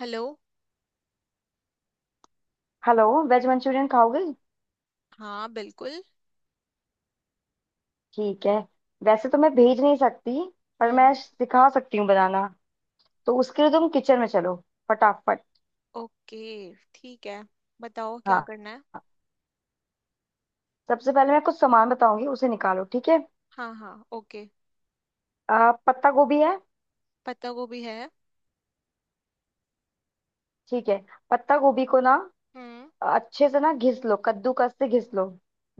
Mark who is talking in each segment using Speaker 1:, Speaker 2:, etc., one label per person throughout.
Speaker 1: Hello.
Speaker 2: Hello. Veg Manchurian खाओगे?
Speaker 1: हाँ बिल्कुल।
Speaker 2: ठीक है। वैसे तो मैं भेज नहीं सकती, पर मैं
Speaker 1: हम्म।
Speaker 2: सिखा सकती हूँ बनाना। तो उसके लिए तुम किचन में चलो, फटाफट।
Speaker 1: ओके। ठीक है। बताओ क्या
Speaker 2: हाँ,
Speaker 1: करना है।
Speaker 2: सबसे पहले मैं कुछ सामान बताऊंगी, उसे निकालो ठीक है?
Speaker 1: हाँ हाँ ओके।
Speaker 2: पत्ता गोभी है।
Speaker 1: पत्ता गोभी है।
Speaker 2: ठीक है। पत्ता गोभी को ना
Speaker 1: हम्म।
Speaker 2: अच्छे से ना घिस लो, कद्दूकस से घिस लो,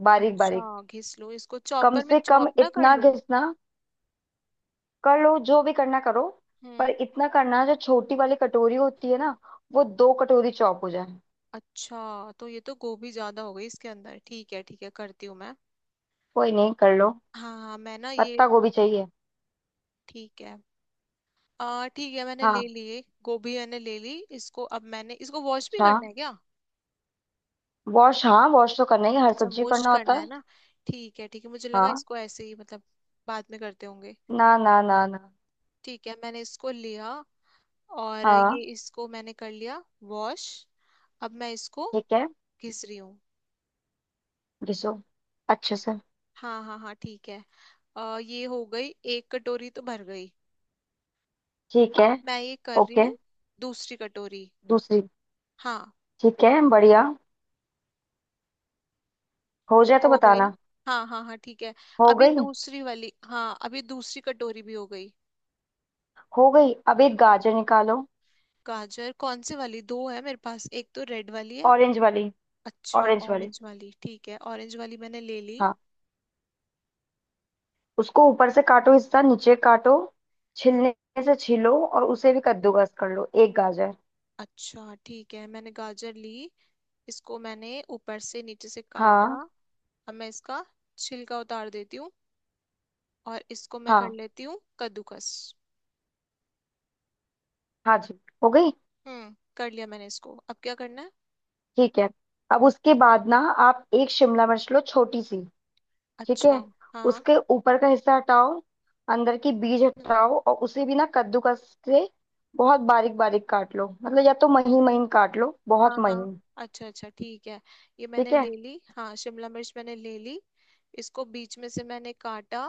Speaker 2: बारीक
Speaker 1: अच्छा
Speaker 2: बारीक।
Speaker 1: घिस लो इसको
Speaker 2: कम
Speaker 1: चॉपर में
Speaker 2: से कम
Speaker 1: चॉप ना कर
Speaker 2: इतना
Speaker 1: लूं।
Speaker 2: घिसना, कर लो जो भी करना करो। पर
Speaker 1: हम्म।
Speaker 2: इतना करना, जो छोटी वाली कटोरी होती है ना, वो 2 कटोरी चौप हो जाए।
Speaker 1: अच्छा तो ये तो गोभी ज्यादा हो गई इसके अंदर। ठीक है ठीक है, करती हूँ मैं।
Speaker 2: कोई नहीं, कर लो।
Speaker 1: हाँ हाँ मैं ना ये
Speaker 2: पत्ता गोभी चाहिए।
Speaker 1: ठीक है। आ ठीक है, मैंने ले
Speaker 2: हाँ,
Speaker 1: लिए गोभी मैंने ले ली। इसको अब मैंने, इसको वॉश भी
Speaker 2: अच्छा।
Speaker 1: करना है क्या?
Speaker 2: वॉश हाँ, वॉश तो करना ही है, हर
Speaker 1: अच्छा
Speaker 2: सब्जी
Speaker 1: वॉश
Speaker 2: करना होता
Speaker 1: करना है
Speaker 2: है।
Speaker 1: ना। ठीक है ठीक है, मुझे लगा
Speaker 2: हाँ।
Speaker 1: इसको ऐसे ही मतलब बाद में करते होंगे।
Speaker 2: ना ना ना ना।
Speaker 1: ठीक है मैंने इसको लिया और ये
Speaker 2: हाँ
Speaker 1: इसको मैंने कर लिया वॉश। अब मैं इसको
Speaker 2: ठीक है।
Speaker 1: घिस रही हूँ।
Speaker 2: घिसो अच्छे से।
Speaker 1: हाँ हाँ हाँ ठीक है। ये हो गई, एक कटोरी तो भर गई।
Speaker 2: ठीक
Speaker 1: अब
Speaker 2: है।
Speaker 1: मैं ये कर रही
Speaker 2: ओके।
Speaker 1: हूँ दूसरी कटोरी।
Speaker 2: दूसरी।
Speaker 1: हाँ
Speaker 2: ठीक है, बढ़िया। हो जाए तो
Speaker 1: हो गई।
Speaker 2: बताना।
Speaker 1: हाँ हाँ हाँ ठीक है।
Speaker 2: हो
Speaker 1: अब ये
Speaker 2: गई।
Speaker 1: दूसरी वाली, हाँ अब ये दूसरी कटोरी भी हो गई।
Speaker 2: हो गई। अब एक
Speaker 1: हाँ
Speaker 2: गाजर निकालो।
Speaker 1: गाजर कौन से वाली? दो है मेरे पास, एक तो रेड वाली है।
Speaker 2: ऑरेंज वाली।
Speaker 1: अच्छा
Speaker 2: ऑरेंज वाली।
Speaker 1: ऑरेंज वाली, ठीक है ऑरेंज वाली मैंने ले ली।
Speaker 2: हाँ, उसको ऊपर से काटो, हिस्सा नीचे काटो, छिलने से छीलो, और उसे भी कद्दूकस कर लो एक गाजर।
Speaker 1: अच्छा ठीक है मैंने गाजर ली। इसको मैंने ऊपर से नीचे से काटा।
Speaker 2: हाँ
Speaker 1: अब मैं इसका छिलका उतार देती हूँ और इसको मैं कर
Speaker 2: हाँ।
Speaker 1: लेती हूँ कद्दूकस।
Speaker 2: हाँ जी, हो गई।
Speaker 1: हम्म, कर लिया मैंने इसको, अब क्या करना है?
Speaker 2: ठीक है। अब उसके बाद ना, आप एक शिमला मिर्च लो छोटी सी। ठीक है।
Speaker 1: अच्छा। हाँ
Speaker 2: उसके ऊपर का हिस्सा हटाओ, अंदर की बीज हटाओ, और उसे भी ना कद्दूकस से बहुत बारीक बारीक काट लो, मतलब या तो महीन महीन काट लो, बहुत
Speaker 1: हाँ हाँ।
Speaker 2: महीन।
Speaker 1: अच्छा अच्छा ठीक है। ये मैंने
Speaker 2: ठीक है।
Speaker 1: ले ली, हाँ शिमला मिर्च मैंने ले ली। इसको बीच में से मैंने काटा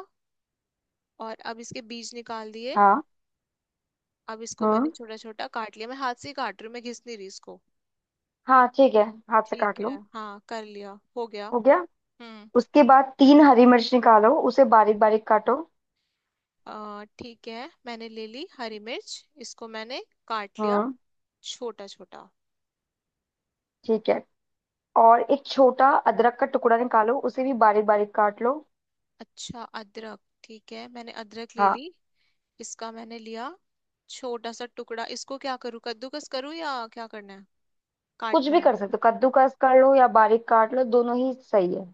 Speaker 1: और अब इसके बीज निकाल दिए।
Speaker 2: हाँ।
Speaker 1: अब इसको मैंने
Speaker 2: हम्म।
Speaker 1: छोटा छोटा काट लिया, मैं हाथ से ही काट रही हूँ, मैं घिस नहीं रही इसको।
Speaker 2: हाँ ठीक है, हाथ से
Speaker 1: ठीक
Speaker 2: काट लो।
Speaker 1: है हाँ कर लिया, हो गया।
Speaker 2: हो गया।
Speaker 1: हम्म।
Speaker 2: उसके बाद तीन हरी मिर्च निकालो, उसे बारीक बारीक काटो।
Speaker 1: ठीक है मैंने ले ली हरी मिर्च, इसको मैंने काट लिया
Speaker 2: हम्म।
Speaker 1: छोटा छोटा।
Speaker 2: ठीक है। और एक छोटा अदरक का टुकड़ा निकालो, उसे भी बारीक बारीक काट लो।
Speaker 1: अच्छा अदरक, ठीक है मैंने अदरक ले
Speaker 2: हाँ।
Speaker 1: ली। इसका मैंने लिया छोटा सा टुकड़ा, इसको क्या करूँ? कद्दूकस करूँ या क्या करना है,
Speaker 2: कुछ
Speaker 1: काटना
Speaker 2: भी
Speaker 1: है?
Speaker 2: कर सकते हो, कद्दूकस कर लो या बारीक काट लो, दोनों ही सही है।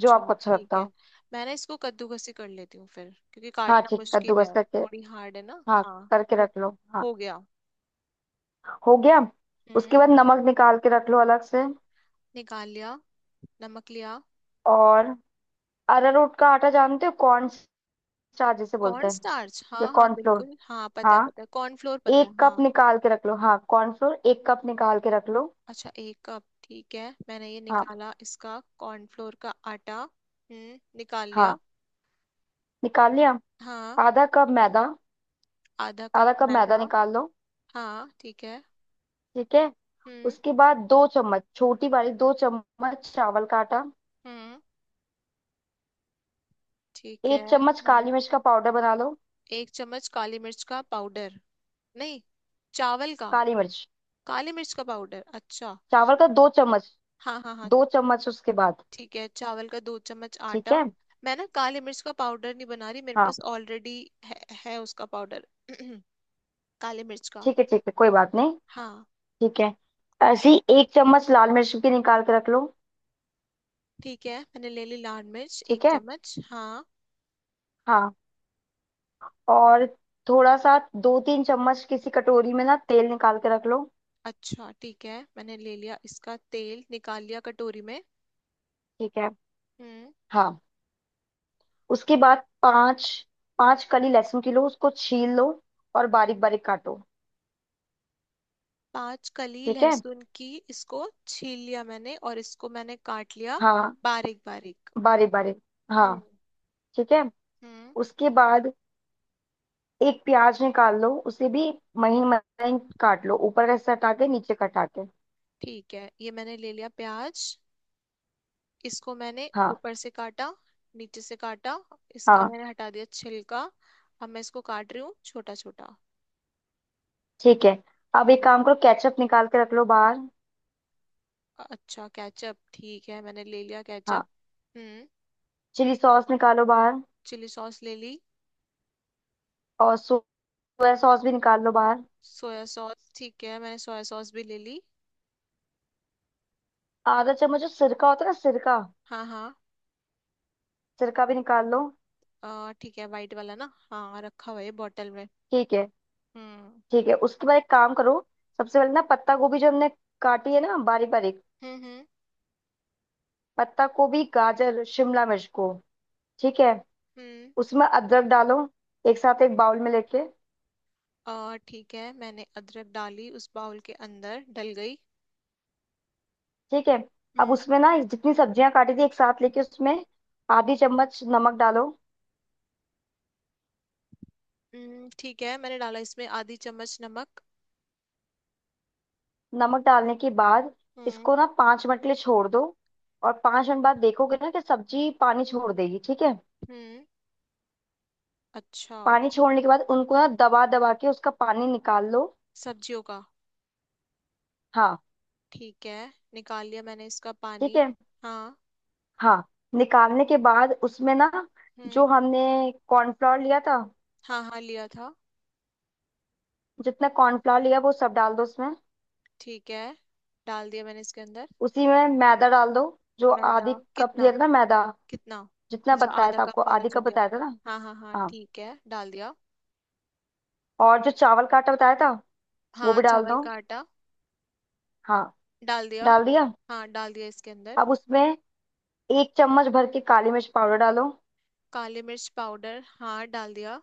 Speaker 2: जो आपको अच्छा
Speaker 1: ठीक
Speaker 2: लगता
Speaker 1: है।
Speaker 2: हो।
Speaker 1: मैं ना इसको कद्दूकस ही कर लेती हूँ फिर, क्योंकि
Speaker 2: हाँ
Speaker 1: काटना
Speaker 2: ठीक,
Speaker 1: मुश्किल
Speaker 2: कद्दूकस
Speaker 1: है,
Speaker 2: करके।
Speaker 1: थोड़ी हार्ड है ना।
Speaker 2: हाँ,
Speaker 1: हाँ
Speaker 2: करके
Speaker 1: हो,
Speaker 2: रख लो हाँ।
Speaker 1: हो गया।
Speaker 2: हो गया।
Speaker 1: हम्म,
Speaker 2: उसके बाद नमक निकाल के रख लो अलग से।
Speaker 1: निकाल लिया, नमक लिया।
Speaker 2: और अरारोट का आटा जानते हो, कॉर्न स्टार्च जिसे बोलते
Speaker 1: कॉर्न
Speaker 2: हैं,
Speaker 1: स्टार्च
Speaker 2: या
Speaker 1: हाँ हाँ
Speaker 2: कॉर्नफ्लोर।
Speaker 1: बिल्कुल, हाँ पता है
Speaker 2: हाँ,
Speaker 1: पता है, कॉर्नफ्लोर पता
Speaker 2: एक
Speaker 1: है
Speaker 2: कप
Speaker 1: हाँ।
Speaker 2: निकाल के रख लो। हाँ, कॉर्नफ्लोर 1 कप निकाल के रख लो।
Speaker 1: अच्छा एक कप, ठीक है मैंने ये
Speaker 2: हाँ।
Speaker 1: निकाला इसका कॉर्नफ्लोर का आटा। निकाल लिया।
Speaker 2: हाँ, निकाल लिया।
Speaker 1: हाँ
Speaker 2: आधा कप मैदा।
Speaker 1: आधा कप
Speaker 2: आधा कप मैदा
Speaker 1: मैदा।
Speaker 2: निकाल लो।
Speaker 1: हाँ ठीक है।
Speaker 2: ठीक है।
Speaker 1: हम्म।
Speaker 2: उसके बाद 2 चम्मच, छोटी वाली 2 चम्मच चावल का आटा।
Speaker 1: हम्म ठीक
Speaker 2: एक
Speaker 1: है।
Speaker 2: चम्मच
Speaker 1: मैंने
Speaker 2: काली मिर्च का पाउडर बना लो।
Speaker 1: एक चम्मच काली मिर्च का पाउडर, नहीं चावल का?
Speaker 2: काली मिर्च।
Speaker 1: काली मिर्च का पाउडर अच्छा।
Speaker 2: चावल का 2 चम्मच।
Speaker 1: हाँ हाँ हाँ
Speaker 2: 2 चम्मच उसके बाद।
Speaker 1: ठीक है चावल का दो चम्मच
Speaker 2: ठीक
Speaker 1: आटा।
Speaker 2: है।
Speaker 1: मैं ना काली मिर्च का पाउडर नहीं बना रही, मेरे
Speaker 2: हाँ।
Speaker 1: पास ऑलरेडी है, है उसका पाउडर काली मिर्च का।
Speaker 2: ठीक है ठीक है, कोई बात नहीं।
Speaker 1: हाँ
Speaker 2: ठीक है। ऐसी 1 चम्मच लाल मिर्च की निकाल के रख लो।
Speaker 1: ठीक है, मैंने ले ली लाल मिर्च एक
Speaker 2: ठीक है।
Speaker 1: चम्मच हाँ।
Speaker 2: हाँ। और थोड़ा सा, 2-3 चम्मच किसी कटोरी में ना तेल निकाल के रख लो।
Speaker 1: अच्छा ठीक है मैंने ले लिया इसका तेल, निकाल लिया कटोरी में।
Speaker 2: ठीक है।
Speaker 1: हम्म।
Speaker 2: हाँ। उसके बाद पाँच पाँच कली लहसुन की लो, उसको छील लो और बारीक बारीक काटो।
Speaker 1: पांच कली
Speaker 2: ठीक है।
Speaker 1: लहसुन की, इसको छील लिया मैंने और इसको मैंने काट लिया
Speaker 2: हाँ।
Speaker 1: बारीक बारीक।
Speaker 2: बारीक बारीक। हाँ
Speaker 1: हम्म
Speaker 2: ठीक है।
Speaker 1: हम्म
Speaker 2: उसके बाद एक प्याज निकाल लो, उसे भी महीन महीन काट लो, ऊपर का हिस्सा हटा के नीचे का हटा के।
Speaker 1: ठीक है। ये मैंने ले लिया प्याज। इसको मैंने
Speaker 2: हाँ।
Speaker 1: ऊपर से काटा, नीचे से काटा, इसका
Speaker 2: हाँ।
Speaker 1: मैंने हटा दिया छिलका। अब मैं इसको काट रही हूँ छोटा छोटा।
Speaker 2: ठीक है। अब एक
Speaker 1: हम्म।
Speaker 2: काम करो, केचप निकाल के रख लो बाहर।
Speaker 1: अच्छा केचप, ठीक है मैंने ले लिया केचप।
Speaker 2: हाँ।
Speaker 1: हम्म
Speaker 2: चिली सॉस निकालो बाहर।
Speaker 1: चिली सॉस ले ली।
Speaker 2: और सोया सॉस भी निकाल लो बाहर।
Speaker 1: सोया सॉस ठीक है, मैंने सोया सॉस भी ले ली।
Speaker 2: आधा चम्मच जो सिरका होता है ना, सिरका,
Speaker 1: हाँ हाँ।
Speaker 2: सिरका भी निकाल लो।
Speaker 1: ठीक है वाइट वाला ना, हाँ रखा हुआ है बॉटल में।
Speaker 2: ठीक है।
Speaker 1: हम्म
Speaker 2: ठीक है, उसके बाद एक काम करो। सबसे पहले ना, पत्ता गोभी जो हमने काटी है ना बारीक बारीक,
Speaker 1: हम्म। हम्म।
Speaker 2: पत्ता गोभी गाजर शिमला मिर्च को, ठीक है,
Speaker 1: हम्म,
Speaker 2: उसमें अदरक डालो एक साथ एक बाउल में लेके।
Speaker 1: ठीक है मैंने अदरक डाली, उस बाउल के अंदर डल गई।
Speaker 2: ठीक है। अब
Speaker 1: हम्म।
Speaker 2: उसमें ना जितनी सब्जियां काटी थी एक साथ लेके, उसमें आधी चम्मच नमक डालो।
Speaker 1: ठीक है मैंने डाला इसमें आधी चम्मच नमक।
Speaker 2: नमक डालने के बाद
Speaker 1: हम्म।
Speaker 2: इसको ना 5 मिनट के लिए छोड़ दो। और 5 मिनट बाद देखोगे ना कि सब्जी पानी छोड़ देगी, ठीक है?
Speaker 1: हम्म। अच्छा।
Speaker 2: पानी
Speaker 1: ठीक,
Speaker 2: छोड़ने के बाद उनको ना दबा दबा के उसका पानी निकाल लो।
Speaker 1: सब्जियों का।
Speaker 2: हाँ।
Speaker 1: ठीक है निकाल लिया मैंने इसका
Speaker 2: ठीक
Speaker 1: पानी।
Speaker 2: है।
Speaker 1: हाँ।
Speaker 2: हाँ। निकालने के बाद उसमें ना जो
Speaker 1: हम्म।
Speaker 2: हमने कॉर्नफ्लावर लिया था,
Speaker 1: हाँ हाँ लिया था।
Speaker 2: जितना कॉर्नफ्लावर लिया वो सब डाल दो उसमें।
Speaker 1: ठीक है डाल दिया मैंने इसके अंदर।
Speaker 2: उसी में मैदा डाल दो, जो
Speaker 1: मैदा
Speaker 2: आधी कप
Speaker 1: कितना?
Speaker 2: लिया था ना मैदा।
Speaker 1: कितना?
Speaker 2: जितना
Speaker 1: अच्छा
Speaker 2: बताया
Speaker 1: आधा
Speaker 2: था
Speaker 1: कप
Speaker 2: आपको,
Speaker 1: वाला
Speaker 2: आधी
Speaker 1: चल
Speaker 2: कप
Speaker 1: लिया।
Speaker 2: बताया था ना।
Speaker 1: हाँ हाँ हाँ
Speaker 2: हाँ।
Speaker 1: ठीक है डाल दिया।
Speaker 2: और जो चावल का आटा बताया था वो
Speaker 1: हाँ
Speaker 2: भी डाल
Speaker 1: चावल
Speaker 2: दो।
Speaker 1: का आटा,
Speaker 2: हाँ।
Speaker 1: डाल दिया।
Speaker 2: डाल दिया।
Speaker 1: हाँ डाल दिया इसके अंदर।
Speaker 2: अब उसमें 1 चम्मच भर के काली मिर्च पाउडर डालो।
Speaker 1: काली मिर्च पाउडर हाँ डाल दिया।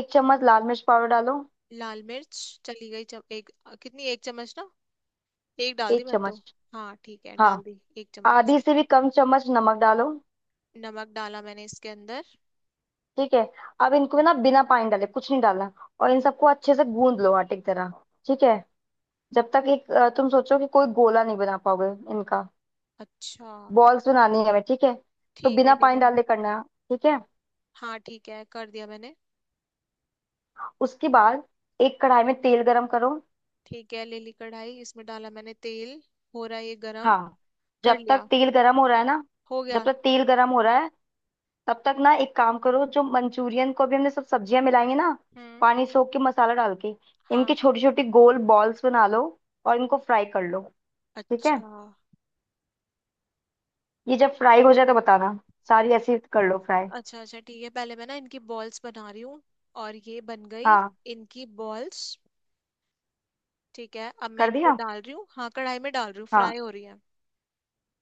Speaker 2: 1 चम्मच लाल मिर्च पाउडर डालो।
Speaker 1: लाल मिर्च चली गई एक, कितनी एक चम्मच ना? एक डाल दी
Speaker 2: एक
Speaker 1: मैंने तो।
Speaker 2: चम्मच
Speaker 1: हाँ ठीक है
Speaker 2: हाँ।
Speaker 1: डाल दी एक चम्मच।
Speaker 2: आधी से भी कम चम्मच नमक डालो।
Speaker 1: नमक डाला मैंने इसके अंदर।
Speaker 2: ठीक है। अब इनको ना बिना पानी डाले कुछ नहीं डालना। और इन सबको अच्छे से गूंद लो आटे की तरह। ठीक है। जब तक, एक तुम सोचो कि कोई गोला नहीं बना पाओगे इनका।
Speaker 1: अच्छा।
Speaker 2: बॉल्स बनानी है हमें, ठीक है। तो
Speaker 1: ठीक है
Speaker 2: बिना
Speaker 1: ठीक
Speaker 2: पानी
Speaker 1: है।
Speaker 2: डाले करना। ठीक है।
Speaker 1: हाँ ठीक है कर दिया मैंने।
Speaker 2: उसके बाद एक कढ़ाई में तेल गरम करो।
Speaker 1: ठीक है ले ली कढ़ाई, इसमें डाला मैंने तेल। हो रहा है ये गरम,
Speaker 2: हाँ।
Speaker 1: कर
Speaker 2: जब तक
Speaker 1: लिया।
Speaker 2: तेल गरम हो रहा है ना,
Speaker 1: हो
Speaker 2: जब
Speaker 1: गया।
Speaker 2: तक तेल गरम हो रहा है तब तक ना एक काम करो, जो मंचूरियन को भी हमने सब सब्जियां मिलाएंगे ना,
Speaker 1: हम्म।
Speaker 2: पानी सोख के मसाला डाल के इनकी
Speaker 1: हाँ।
Speaker 2: छोटी छोटी गोल बॉल्स बना लो और इनको फ्राई कर लो। ठीक है।
Speaker 1: अच्छा।
Speaker 2: ये जब फ्राई हो जाए तो बताना, सारी ऐसी कर लो फ्राई।
Speaker 1: अच्छा अच्छा ठीक है, पहले मैं ना इनकी बॉल्स बना रही हूँ, और ये बन गई
Speaker 2: हाँ
Speaker 1: इनकी बॉल्स। ठीक है अब मैं
Speaker 2: कर
Speaker 1: इनको
Speaker 2: दिया।
Speaker 1: डाल रही हूँ, हाँ कढ़ाई में डाल रही हूँ, फ्राई
Speaker 2: हाँ।
Speaker 1: हो रही है।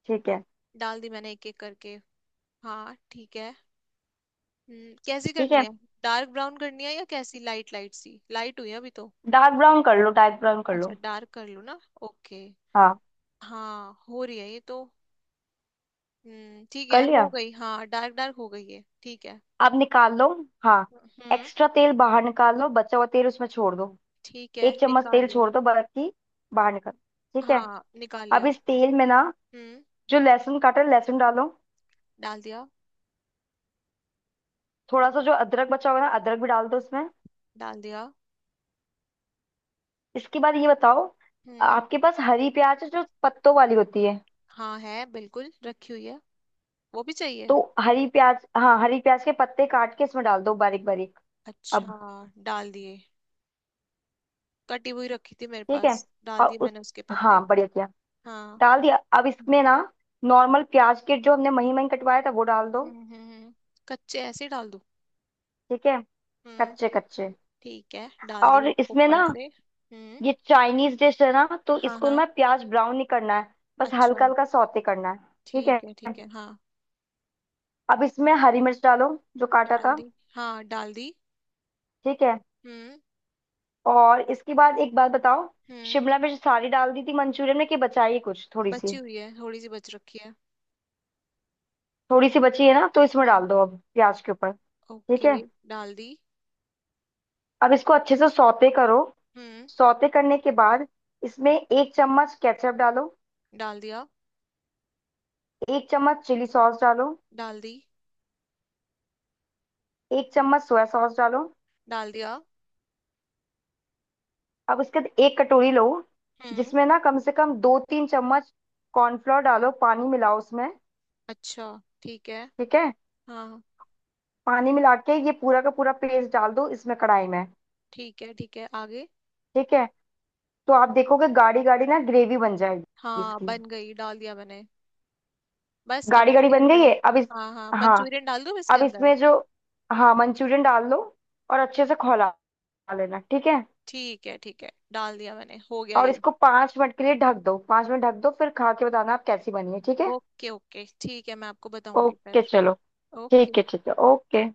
Speaker 2: ठीक है।
Speaker 1: डाल दी मैंने एक एक करके। हाँ ठीक है। कैसी
Speaker 2: ठीक
Speaker 1: करनी
Speaker 2: है,
Speaker 1: है? डार्क ब्राउन करनी है या कैसी? लाइट लाइट सी लाइट हुई है अभी तो।
Speaker 2: डार्क ब्राउन कर लो, डार्क ब्राउन कर
Speaker 1: अच्छा
Speaker 2: लो।
Speaker 1: डार्क कर लूँ ना, ओके।
Speaker 2: हाँ,
Speaker 1: हाँ हो रही है ये तो। ठीक
Speaker 2: कर
Speaker 1: है
Speaker 2: लिया।
Speaker 1: हो गई, हाँ डार्क डार्क हो गई है, ठीक है।
Speaker 2: अब निकाल लो। हाँ।
Speaker 1: हम्म।
Speaker 2: एक्स्ट्रा तेल बाहर निकाल लो, बचा हुआ तेल उसमें छोड़ दो।
Speaker 1: ठीक है
Speaker 2: एक चम्मच
Speaker 1: निकाल
Speaker 2: तेल
Speaker 1: लिया।
Speaker 2: छोड़ दो, बाकी बाहर निकल। ठीक है।
Speaker 1: हाँ निकाल
Speaker 2: अब
Speaker 1: लिया।
Speaker 2: इस तेल में ना
Speaker 1: हम्म।
Speaker 2: जो लहसुन काटा है, लहसुन डालो।
Speaker 1: डाल दिया।
Speaker 2: थोड़ा सा जो अदरक बचा हुआ है ना, अदरक भी डाल दो उसमें।
Speaker 1: डाल दिया।
Speaker 2: इसके बाद ये बताओ,
Speaker 1: हम्म।
Speaker 2: आपके पास हरी प्याज है जो पत्तों वाली होती है?
Speaker 1: हाँ है बिल्कुल, रखी हुई है। वो भी चाहिए?
Speaker 2: तो हरी प्याज, हाँ हरी प्याज के पत्ते काट के इसमें डाल दो बारीक बारीक। अब
Speaker 1: अच्छा। डाल दिए, कटी हुई रखी थी मेरे
Speaker 2: ठीक है,
Speaker 1: पास, डाल
Speaker 2: और
Speaker 1: दिए
Speaker 2: उस,
Speaker 1: मैंने उसके पत्ते।
Speaker 2: हाँ बढ़िया किया।
Speaker 1: हाँ।
Speaker 2: डाल दिया, अब
Speaker 1: हम्म
Speaker 2: इसमें ना नॉर्मल प्याज के जो हमने महीन महीन कटवाया था, वो डाल दो।
Speaker 1: हम्म हम्म। कच्चे ऐसे ही डाल दूं?
Speaker 2: ठीक है। कच्चे
Speaker 1: हम्म
Speaker 2: कच्चे।
Speaker 1: ठीक है डाल दिए
Speaker 2: और इसमें
Speaker 1: ऊपर
Speaker 2: ना
Speaker 1: से। हम्म।
Speaker 2: ये चाइनीज डिश है ना, तो
Speaker 1: हाँ
Speaker 2: इसको
Speaker 1: हाँ।
Speaker 2: ना प्याज ब्राउन नहीं करना है, बस
Speaker 1: अच्छा
Speaker 2: हल्का हल्का सौते करना है। ठीक है।
Speaker 1: ठीक है हाँ।
Speaker 2: अब इसमें हरी मिर्च डालो, जो काटा
Speaker 1: डाल
Speaker 2: था।
Speaker 1: दी, हाँ डाल दी।
Speaker 2: ठीक है।
Speaker 1: हम्म।
Speaker 2: और इसके बाद एक बात बताओ,
Speaker 1: हम्म
Speaker 2: शिमला मिर्च सारी डाल दी थी मंचूरियन में कि बचाई है कुछ थोड़ी सी?
Speaker 1: बची हुई है, थोड़ी सी बच रखी है।
Speaker 2: थोड़ी सी बची है ना, तो इसमें
Speaker 1: हम्म
Speaker 2: डाल दो अब प्याज के ऊपर। ठीक
Speaker 1: ओके
Speaker 2: है।
Speaker 1: डाल दी।
Speaker 2: अब इसको अच्छे से सौते करो।
Speaker 1: हम्म।
Speaker 2: सौते करने के बाद इसमें एक चम्मच केचप डालो।
Speaker 1: डाल दिया।
Speaker 2: 1 चम्मच चिली सॉस डालो।
Speaker 1: डाल दी।
Speaker 2: 1 चम्मच सोया सॉस डालो।
Speaker 1: डाल दिया।
Speaker 2: अब उसके बाद एक कटोरी लो,
Speaker 1: हम्म।
Speaker 2: जिसमें ना कम से कम 2-3 चम्मच कॉर्नफ्लोर डालो, पानी मिलाओ उसमें।
Speaker 1: अच्छा ठीक है।
Speaker 2: ठीक है।
Speaker 1: हाँ
Speaker 2: पानी मिला के ये पूरा का पूरा पेस्ट डाल दो इसमें कढ़ाई में।
Speaker 1: ठीक है आगे।
Speaker 2: ठीक है। तो आप देखोगे, गाढ़ी गाढ़ी ना ग्रेवी बन जाएगी
Speaker 1: हाँ
Speaker 2: इसकी।
Speaker 1: बन गई, डाल दिया मैंने, बस अब
Speaker 2: गाढ़ी गाढ़ी
Speaker 1: इसके
Speaker 2: बन गई
Speaker 1: अंदर
Speaker 2: है। अब इस,
Speaker 1: हाँ हाँ
Speaker 2: हाँ
Speaker 1: मंचूरियन डाल दूँ इसके
Speaker 2: अब
Speaker 1: अंदर?
Speaker 2: इसमें जो, हाँ मंचूरियन डाल दो और अच्छे से खौला लेना, ठीक है।
Speaker 1: ठीक है डाल दिया मैंने, हो गया
Speaker 2: और
Speaker 1: ये।
Speaker 2: इसको 5 मिनट के लिए ढक दो, 5 मिनट ढक दो, फिर खा के बताना आप कैसी बनी है, ठीक है?
Speaker 1: ओके ओके ठीक है, मैं आपको बताऊंगी
Speaker 2: ओके
Speaker 1: फिर।
Speaker 2: चलो।
Speaker 1: ओके।
Speaker 2: ठीक है ओके।